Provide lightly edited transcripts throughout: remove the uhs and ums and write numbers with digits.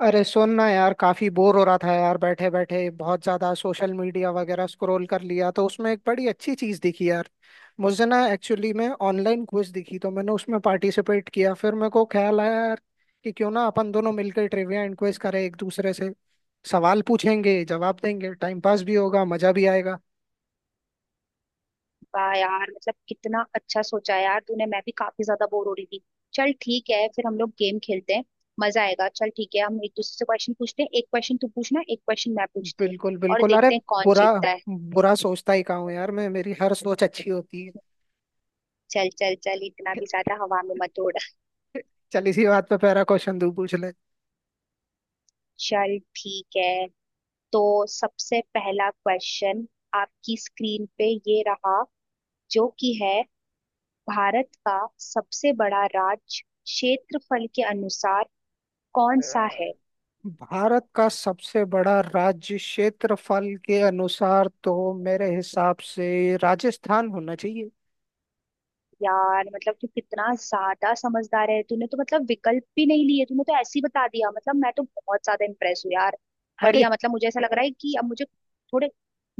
अरे सुन ना यार, काफी बोर हो रहा था यार, बैठे बैठे बहुत ज्यादा सोशल मीडिया वगैरह स्क्रॉल कर लिया तो उसमें एक बड़ी अच्छी चीज दिखी यार। मुझे ना एक्चुअली में ऑनलाइन क्विज दिखी, तो मैंने उसमें पार्टिसिपेट किया। फिर मेरे को ख्याल आया यार कि क्यों ना अपन दोनों मिलकर ट्रिविया एंड क्विज करें एक दूसरे से। सवाल पूछेंगे, जवाब देंगे, टाइम पास भी होगा, मजा भी आएगा। वाह यार मतलब कितना अच्छा सोचा है यार तूने। मैं भी काफी ज्यादा बोर हो रही थी। चल ठीक है फिर हम लोग गेम खेलते हैं। मजा आएगा। चल ठीक है हम एक दूसरे से क्वेश्चन पूछते हैं। एक क्वेश्चन तू पूछना एक क्वेश्चन मैं पूछती हूँ बिल्कुल और बिल्कुल। अरे, देखते हैं कौन बुरा जीतता है। बुरा सोचता ही कहाँ हूँ यार मैं। मेरी हर सोच अच्छी होती है। चल चल चल इतना भी ज्यादा हवा में मत उड़। चल, इसी बात पे पहला क्वेश्चन तू पूछ ले। चल ठीक है तो सबसे पहला क्वेश्चन आपकी स्क्रीन पे ये रहा, जो कि है भारत का सबसे बड़ा राज्य क्षेत्रफल के अनुसार कौन सा है। भारत का सबसे बड़ा राज्य क्षेत्रफल के अनुसार, तो मेरे हिसाब से राजस्थान होना चाहिए। यार मतलब तू कितना ज्यादा समझदार है। तूने तो मतलब विकल्प भी नहीं लिए, तूने तो ऐसे ही बता दिया। मतलब मैं तो बहुत ज्यादा इम्प्रेस हूँ यार। अरे, बढ़िया। मतलब मुझे ऐसा लग रहा है कि अब मुझे थोड़े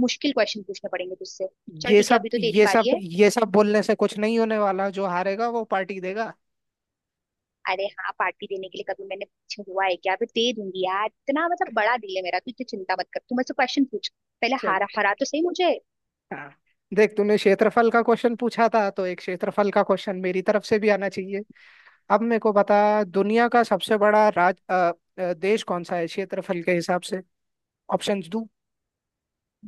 मुश्किल क्वेश्चन पूछने पड़ेंगे तुझसे। चल ये ठीक है सब अभी तो तेरी ये बारी सब है। ये सब बोलने से कुछ नहीं होने वाला। जो हारेगा वो पार्टी देगा। अरे हाँ, पार्टी देने के लिए कभी मैंने पीछे हुआ है क्या। अभी दे दूंगी यार। इतना मतलब बड़ा दिल है मेरा। तू इतनी चिंता मत कर, तू मुझसे क्वेश्चन पूछ। पहले चल हारा ठीक। हरा तो सही मुझे। हाँ, देख, तूने क्षेत्रफल का क्वेश्चन पूछा था तो एक क्षेत्रफल का क्वेश्चन मेरी तरफ से भी आना चाहिए। अब मेरे को बता, दुनिया का सबसे बड़ा देश कौन सा है क्षेत्रफल के हिसाब से? ऑप्शंस दूं?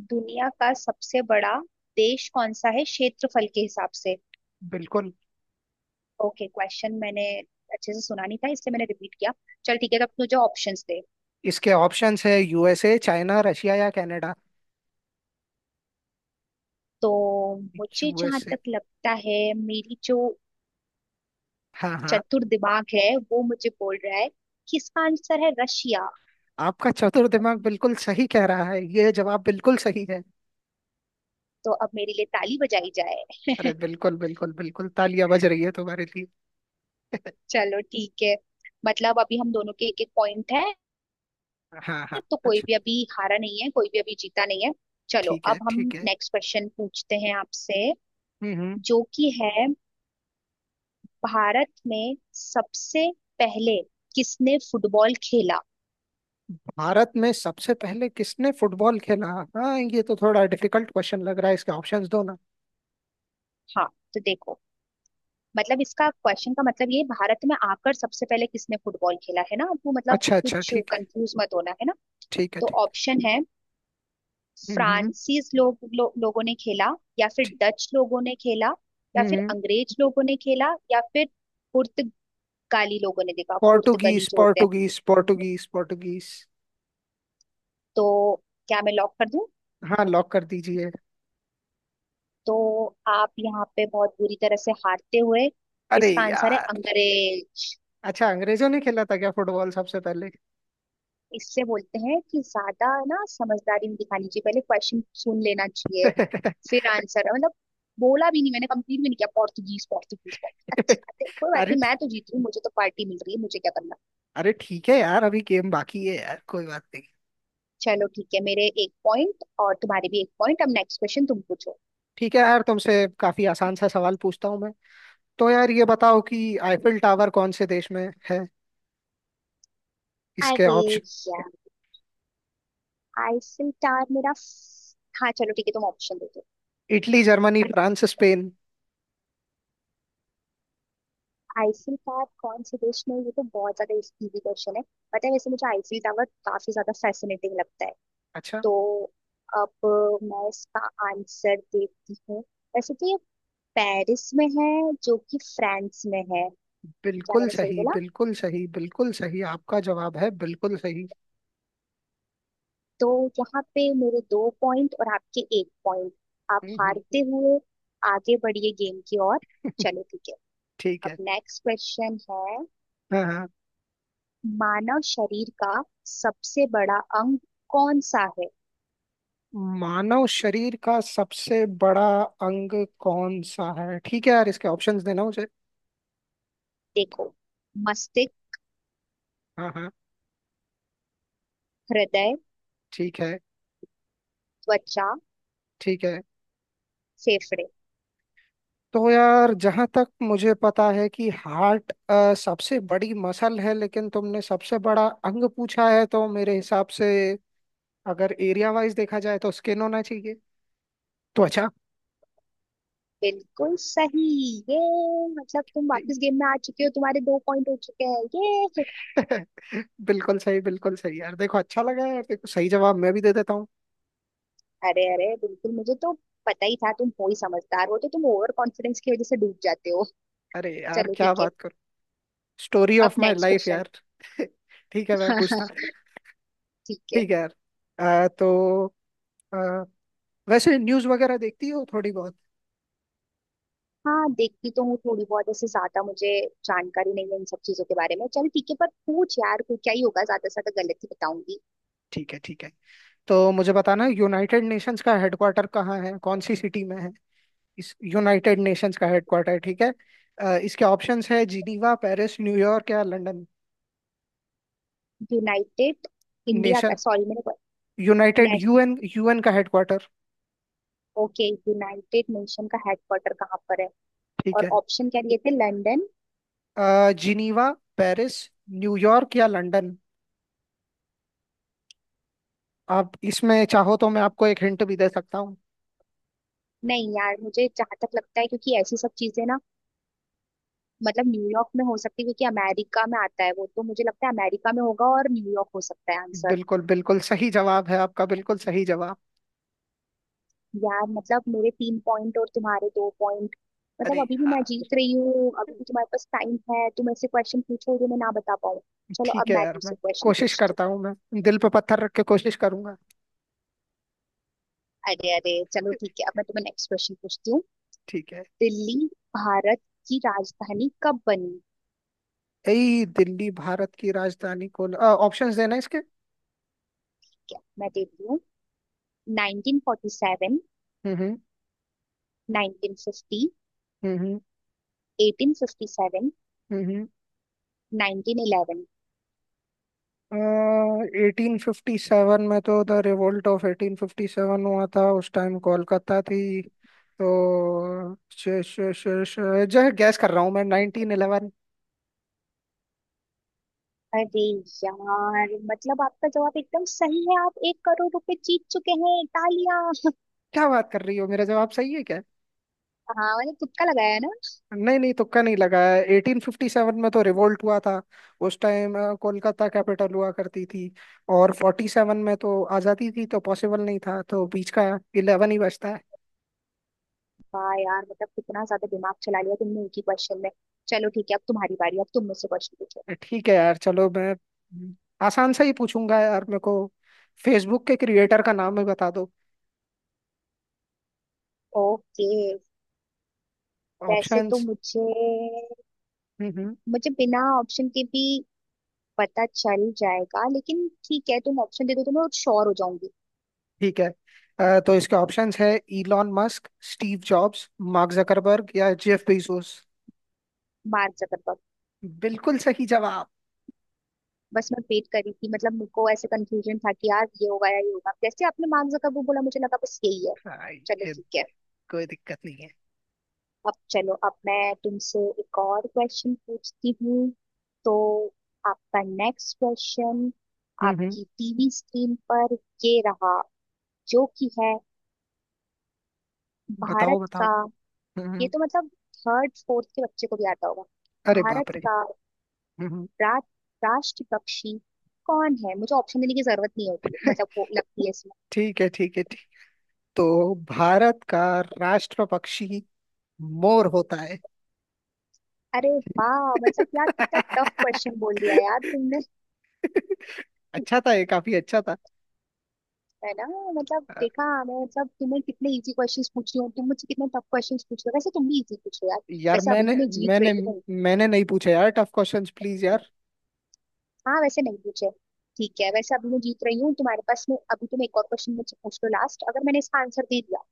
दुनिया का सबसे बड़ा देश कौन सा है क्षेत्रफल के हिसाब से। बिल्कुल। ओके, क्वेश्चन मैंने अच्छे से सुना नहीं था इसलिए मैंने रिपीट किया। चल ठीक है तो अब मुझे ऑप्शंस दे। इसके ऑप्शंस है यूएसए, चाइना, रशिया या कनाडा। तो मुझे जहां यूएसए। तक लगता है, मेरी जो हाँ हाँ, चतुर दिमाग है वो मुझे बोल रहा है कि इसका आंसर है रशिया। आपका चतुर दिमाग बिल्कुल सही कह रहा है, ये जवाब बिल्कुल सही है। तो अब मेरे लिए ताली बजाई जाए। अरे बिल्कुल बिल्कुल बिल्कुल, तालियां बज रही है तुम्हारे लिए। चलो ठीक है, मतलब अभी हम दोनों के एक एक पॉइंट है। हाँ हाँ, तो कोई अच्छा। भी अभी हारा नहीं है, कोई भी अभी जीता नहीं है। चलो ठीक अब है हम ठीक है। नेक्स्ट क्वेश्चन पूछते हैं आपसे, हम्म हम्म। जो कि है भारत में सबसे पहले किसने फुटबॉल खेला। भारत में सबसे पहले किसने फुटबॉल खेला? हाँ, ये तो थोड़ा डिफिकल्ट क्वेश्चन लग रहा है, इसके ऑप्शंस दो ना। हाँ तो देखो, मतलब इसका क्वेश्चन का मतलब ये है, भारत में आकर सबसे पहले किसने फुटबॉल खेला, है ना। आपको मतलब अच्छा अच्छा, कुछ ठीक है। कंफ्यूज मत होना, है ना। ठीक है तो ठीक ऑप्शन है, है। हम्म। फ्रांसीस लोगों ने खेला या फिर ठीक। डच लोगों ने खेला या हम्म फिर हम्म। अंग्रेज लोगों ने खेला या फिर पुर्तगाली लोगों ने देखा। पुर्तगाली पोर्टुगीज, जो होते हैं। Portuguese, Portuguese, Portuguese. तो क्या मैं लॉक कर दूं। हाँ, लॉक कर दीजिए। तो आप यहाँ पे बहुत बुरी तरह से हारते हुए, अरे इसका आंसर है यार। अंग्रेज। अच्छा, अंग्रेजों ने खेला था क्या फुटबॉल सबसे पहले? इससे बोलते हैं कि ज्यादा ना समझदारी नहीं दिखानी चाहिए, पहले क्वेश्चन सुन लेना चाहिए फिर आंसर। मतलब बोला भी नहीं मैंने, कंप्लीट भी नहीं किया, पोर्तुगीज पोर्तुगीज पोर्तुगीज। अच्छी बात है, कोई बात अरे नहीं। मैं ठीक। तो जीत रही हूँ, मुझे तो पार्टी मिल रही है। मुझे क्या करना। अरे ठीक है यार, अभी गेम बाकी है यार, कोई बात नहीं। चलो ठीक है, मेरे एक पॉइंट और तुम्हारे भी एक पॉइंट। अब नेक्स्ट क्वेश्चन तुम पूछो। ठीक है यार, तुमसे काफी आसान सा सवाल पूछता हूँ मैं। तो यार, ये बताओ कि आईफिल टावर कौन से देश में है? इसके अरे ऑप्शन: यार, आईफिल टावर मेरा हाँ, चलो ठीक है, तुम ऑप्शन दे दो। Italy, Germany, France, Spain. ICU का कौन से देश में, ये तो बहुत ज्यादा इजी क्वेश्चन है। पता है, वैसे मुझे आईसीयू टावर काफी ज्यादा फैसिनेटिंग लगता है। अच्छा। तो अब मैं इसका आंसर देती हूँ। वैसे तो ये पेरिस में है, जो कि फ्रांस में है। क्या बिल्कुल मैंने सही सही, बोला। बिल्कुल सही, बिल्कुल सही, आपका जवाब है बिल्कुल सही। तो यहाँ पे मेरे दो पॉइंट और आपके एक पॉइंट। आप हम्म, हारते हम्म। हुए आगे बढ़िए गेम की ओर। चलो ठीक है, ठीक अब है। नेक्स्ट क्वेश्चन है, हाँ हाँ, मानव शरीर का सबसे बड़ा अंग कौन सा है। मानव शरीर का सबसे बड़ा अंग कौन सा है? ठीक है यार, इसके ऑप्शंस देना मुझे। देखो, मस्तिष्क, हाँ हाँ। हृदय, ठीक है त्वचा, ठीक है। फेफड़े। तो यार, जहाँ तक मुझे पता है कि हार्ट सबसे बड़ी मसल है, लेकिन तुमने सबसे बड़ा अंग पूछा है, तो मेरे हिसाब से अगर एरिया वाइज देखा जाए तो स्किन होना चाहिए। त्वचा। बिल्कुल सही। ये मतलब तुम सही। वापस गेम में आ चुके हो, तुम्हारे दो पॉइंट हो चुके हैं ये। बिल्कुल सही, बिल्कुल सही यार। देखो, अच्छा लगा यार। देखो, सही जवाब मैं भी दे देता हूँ। अरे अरे, बिल्कुल, मुझे तो पता ही था। तुम हो ही समझदार, हो तो तुम, ओवर कॉन्फिडेंस की वजह से डूब जाते हो। अरे यार, चलो क्या ठीक है, बात करूँ, स्टोरी अब of my next life question यार। ठीक है, मैं पूछता। ठीक है। ठीक है यार। तो अ, वैसे न्यूज़ वगैरह देखती हो थोड़ी बहुत? हाँ देखती तो हूँ थोड़ी बहुत, ऐसे ज्यादा मुझे जानकारी नहीं है इन सब चीजों के बारे में। चल ठीक है, पर पूछ यार, कोई क्या ही होगा। ज्यादा से ज्यादा गलत ही बताऊंगी। ठीक है ठीक है। तो मुझे बताना, यूनाइटेड नेशंस का हेडक्वार्टर कहाँ है, कौन सी सिटी में है? इस यूनाइटेड नेशंस का हेडक्वार्टर। ठीक है। इसके ऑप्शंस है जिनीवा, पेरिस, न्यूयॉर्क या लंदन। यूनाइटेड इंडिया का, नेशन, सॉरी, यूनाइटेड, मैंने यूएन यूएन का हेडक्वार्टर। ओके, यूनाइटेड नेशन का हेडक्वार्टर कहाँ पर है, ठीक और है। ऑप्शन क्या दिए थे, लंदन। जिनीवा, पेरिस, न्यूयॉर्क या लंदन। आप इसमें चाहो तो मैं आपको एक हिंट भी दे सकता हूँ। नहीं यार, मुझे जहां तक लगता है, क्योंकि ऐसी सब चीजें ना मतलब न्यूयॉर्क में हो सकती है, क्योंकि अमेरिका में आता है वो। तो मुझे लगता है अमेरिका में होगा और न्यूयॉर्क हो सकता है आंसर। बिल्कुल, बिल्कुल सही जवाब है आपका, बिल्कुल सही जवाब। यार मतलब मेरे तीन पॉइंट और तुम्हारे दो पॉइंट। अरे मतलब अभी भी मैं यार। जीत रही हूँ। अभी भी तुम्हारे पास टाइम है, तुम ऐसे क्वेश्चन पूछो जो मैं ना बता पाऊँ। चलो अब ठीक है मैं यार, मैं तुमसे क्वेश्चन कोशिश पूछती करता हूँ, मैं दिल पे पत्थर रख के कोशिश करूंगा। हूँ। अरे अरे चलो ठीक है, अब मैं तुम्हें नेक्स्ट क्वेश्चन पूछती हूँ। ठीक है। दिल्ली भारत की राजधानी कब बनी। यही दिल्ली भारत की राजधानी को? ऑप्शंस देना इसके। क्या, मैं देती हूँ। 1947, हम्म। 1950, हम्म। 1857, हम्म। 1911। 1857 में तो द रिवोल्ट ऑफ 1857 हुआ था, उस टाइम कोलकाता थी। तो श, श, श, श, जो है, गैस कर रहा हूँ मैं, 1911। अरे यार, मतलब आपका जवाब एकदम सही है। आप 1 करोड़ रुपए जीत चुके हैं। तालियां। क्या बात कर रही हो, मेरा जवाब सही है क्या? हाँ मैंने तुक्का लगाया है ना। नहीं नहीं, तुक्का नहीं लगाया। 1857 में तो रिवोल्ट हुआ था, उस टाइम कोलकाता कैपिटल हुआ करती थी। और 47 में तो आज़ादी थी, तो पॉसिबल नहीं था, तो बीच का 11 ही बचता वाह यार मतलब कितना ज्यादा दिमाग चला लिया तुमने एक ही क्वेश्चन में। चलो ठीक है अब तुम्हारी बारी, अब तुम मुझसे क्वेश्चन पूछो। है। ठीक है यार, चलो मैं आसान सा ही पूछूंगा यार। मेरे को फेसबुक के क्रिएटर का नाम ही बता दो। ओके, वैसे तो ऑप्शंस। मुझे हम्म हम्म, मुझे बिना ऑप्शन के भी पता चल जाएगा, लेकिन ठीक है तुम ऑप्शन दे दो तो मैं श्योर हो जाऊंगी। ठीक है। तो इसके ऑप्शंस है Elon Musk, Steve Jobs, Mark Zuckerberg या जेफ बेजोस। Mark Zuckerberg. बिल्कुल सही जवाब। बस मैं वेट कर रही थी, मतलब मेरे को ऐसे कंफ्यूजन था कि यार ये होगा या ये होगा। जैसे आपने मार्क जकरबर्ग बोला, मुझे लगा बस यही है। हाँ, चलो ये ठीक है, कोई दिक्कत नहीं है। अब चलो अब मैं तुमसे एक और क्वेश्चन पूछती हूँ। तो आपका नेक्स्ट क्वेश्चन, हम्म। आपकी टीवी स्क्रीन पर ये रहा, जो कि है बताओ भारत बताओ। का। ये हम्म। तो मतलब थर्ड फोर्थ के बच्चे को भी आता होगा। अरे भारत बाप रे। का हम्म। रा, राष्ट्र पक्षी कौन है। मुझे ऑप्शन देने की जरूरत नहीं, होती मतलब वो लगती है। ठीक है ठीक है, ठीक। तो भारत का राष्ट्र पक्षी मोर होता है। अरे वाह, मतलब यार कितना टफ क्वेश्चन बोल दिया यार तुमने, अच्छा था, ये काफी अच्छा था। है ना। मतलब अ, देखा, मैं मतलब तुम्हें कितने इजी क्वेश्चंस पूछ रही हूँ, तुम मुझसे कितने टफ क्वेश्चंस पूछ रहे हो। वैसे तुम भी इजी पूछ रहे हो यार। यार, वैसे अभी मैंने भी मैं जीत मैंने रही हूँ। मैंने नहीं पूछा यार टफ क्वेश्चंस, प्लीज यार। हाँ वैसे नहीं पूछे। ठीक है, वैसे अभी मैं जीत रही हूँ, तुम्हारे पास में अभी, तुम एक और क्वेश्चन मुझसे पूछ लो लास्ट। अगर मैंने इसका आंसर दे दिया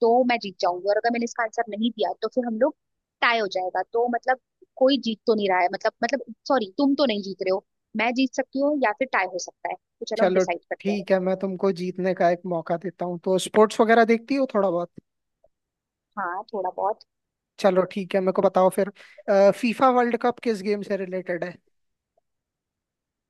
तो मैं जीत जाऊंगी, और अगर मैंने इसका आंसर नहीं दिया तो फिर हम लोग टाई हो जाएगा। तो मतलब कोई जीत तो नहीं रहा है, मतलब सॉरी, तुम तो नहीं जीत रहे हो। मैं जीत सकती हूँ या फिर टाई हो सकता है, तो चलो अब चलो डिसाइड करते हैं। ठीक है, मैं तुमको जीतने का एक मौका देता हूँ। तो स्पोर्ट्स वगैरह देखती हो थोड़ा बहुत? हाँ थोड़ा बहुत। चलो ठीक है, मेरे को बताओ फिर। फीफा वर्ल्ड कप किस गेम से रिलेटेड है?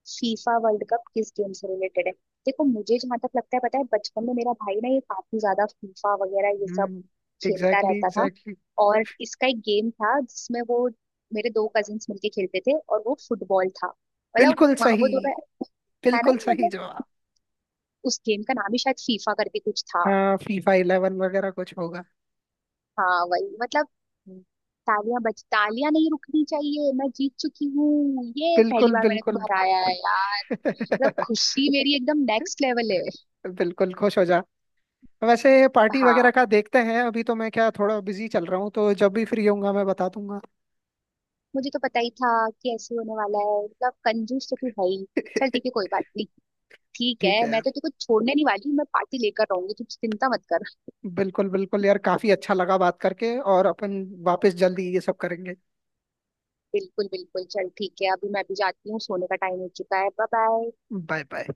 फीफा वर्ल्ड कप किस गेम से रिलेटेड है। देखो, मुझे जहां तक लगता है, पता है बचपन में मेरा भाई ना ये काफी ज्यादा फीफा वगैरह ये सब हम्म। खेलता एग्जैक्टली रहता था। एग्जैक्टली। और इसका एक गेम था जिसमें वो, मेरे दो कजिन्स मिलके खेलते थे, और वो फुटबॉल था। मतलब बिल्कुल सही, वो दोनों, है ना। बिल्कुल सही मतलब जवाब। उस गेम का नाम ही शायद फीफा करके कुछ था। हाँ, फीफा 11 वगैरह कुछ होगा। हाँ वही मतलब, तालियां बज, तालियां नहीं रुकनी चाहिए। मैं जीत चुकी हूँ। ये पहली बिल्कुल बार मैंने बिल्कुल। तुम्हें हराया है यार। मतलब खुशी मेरी एकदम नेक्स्ट लेवल है। बिल्कुल, खुश हो जा। वैसे पार्टी वगैरह हाँ, का देखते हैं, अभी तो मैं क्या, थोड़ा बिजी चल रहा हूँ, तो जब भी फ्री होऊंगा मैं बता दूंगा। मुझे तो पता ही था कि ऐसे होने वाला है। मतलब कंजूस तो तू है ही। चल ठीक ठीक है कोई बात नहीं। ठीक है है, मैं यार। तो तुझको छोड़ने नहीं वाली। मैं पार्टी लेकर रहूंगी, तू चिंता मत कर। बिल्कुल बिल्कुल यार, काफी अच्छा लगा बात करके, और अपन वापस जल्दी ये सब करेंगे। बिल्कुल बिल्कुल, चल ठीक है अभी मैं भी जाती हूँ, सोने का टाइम हो चुका है। Bye bye. Bye bye.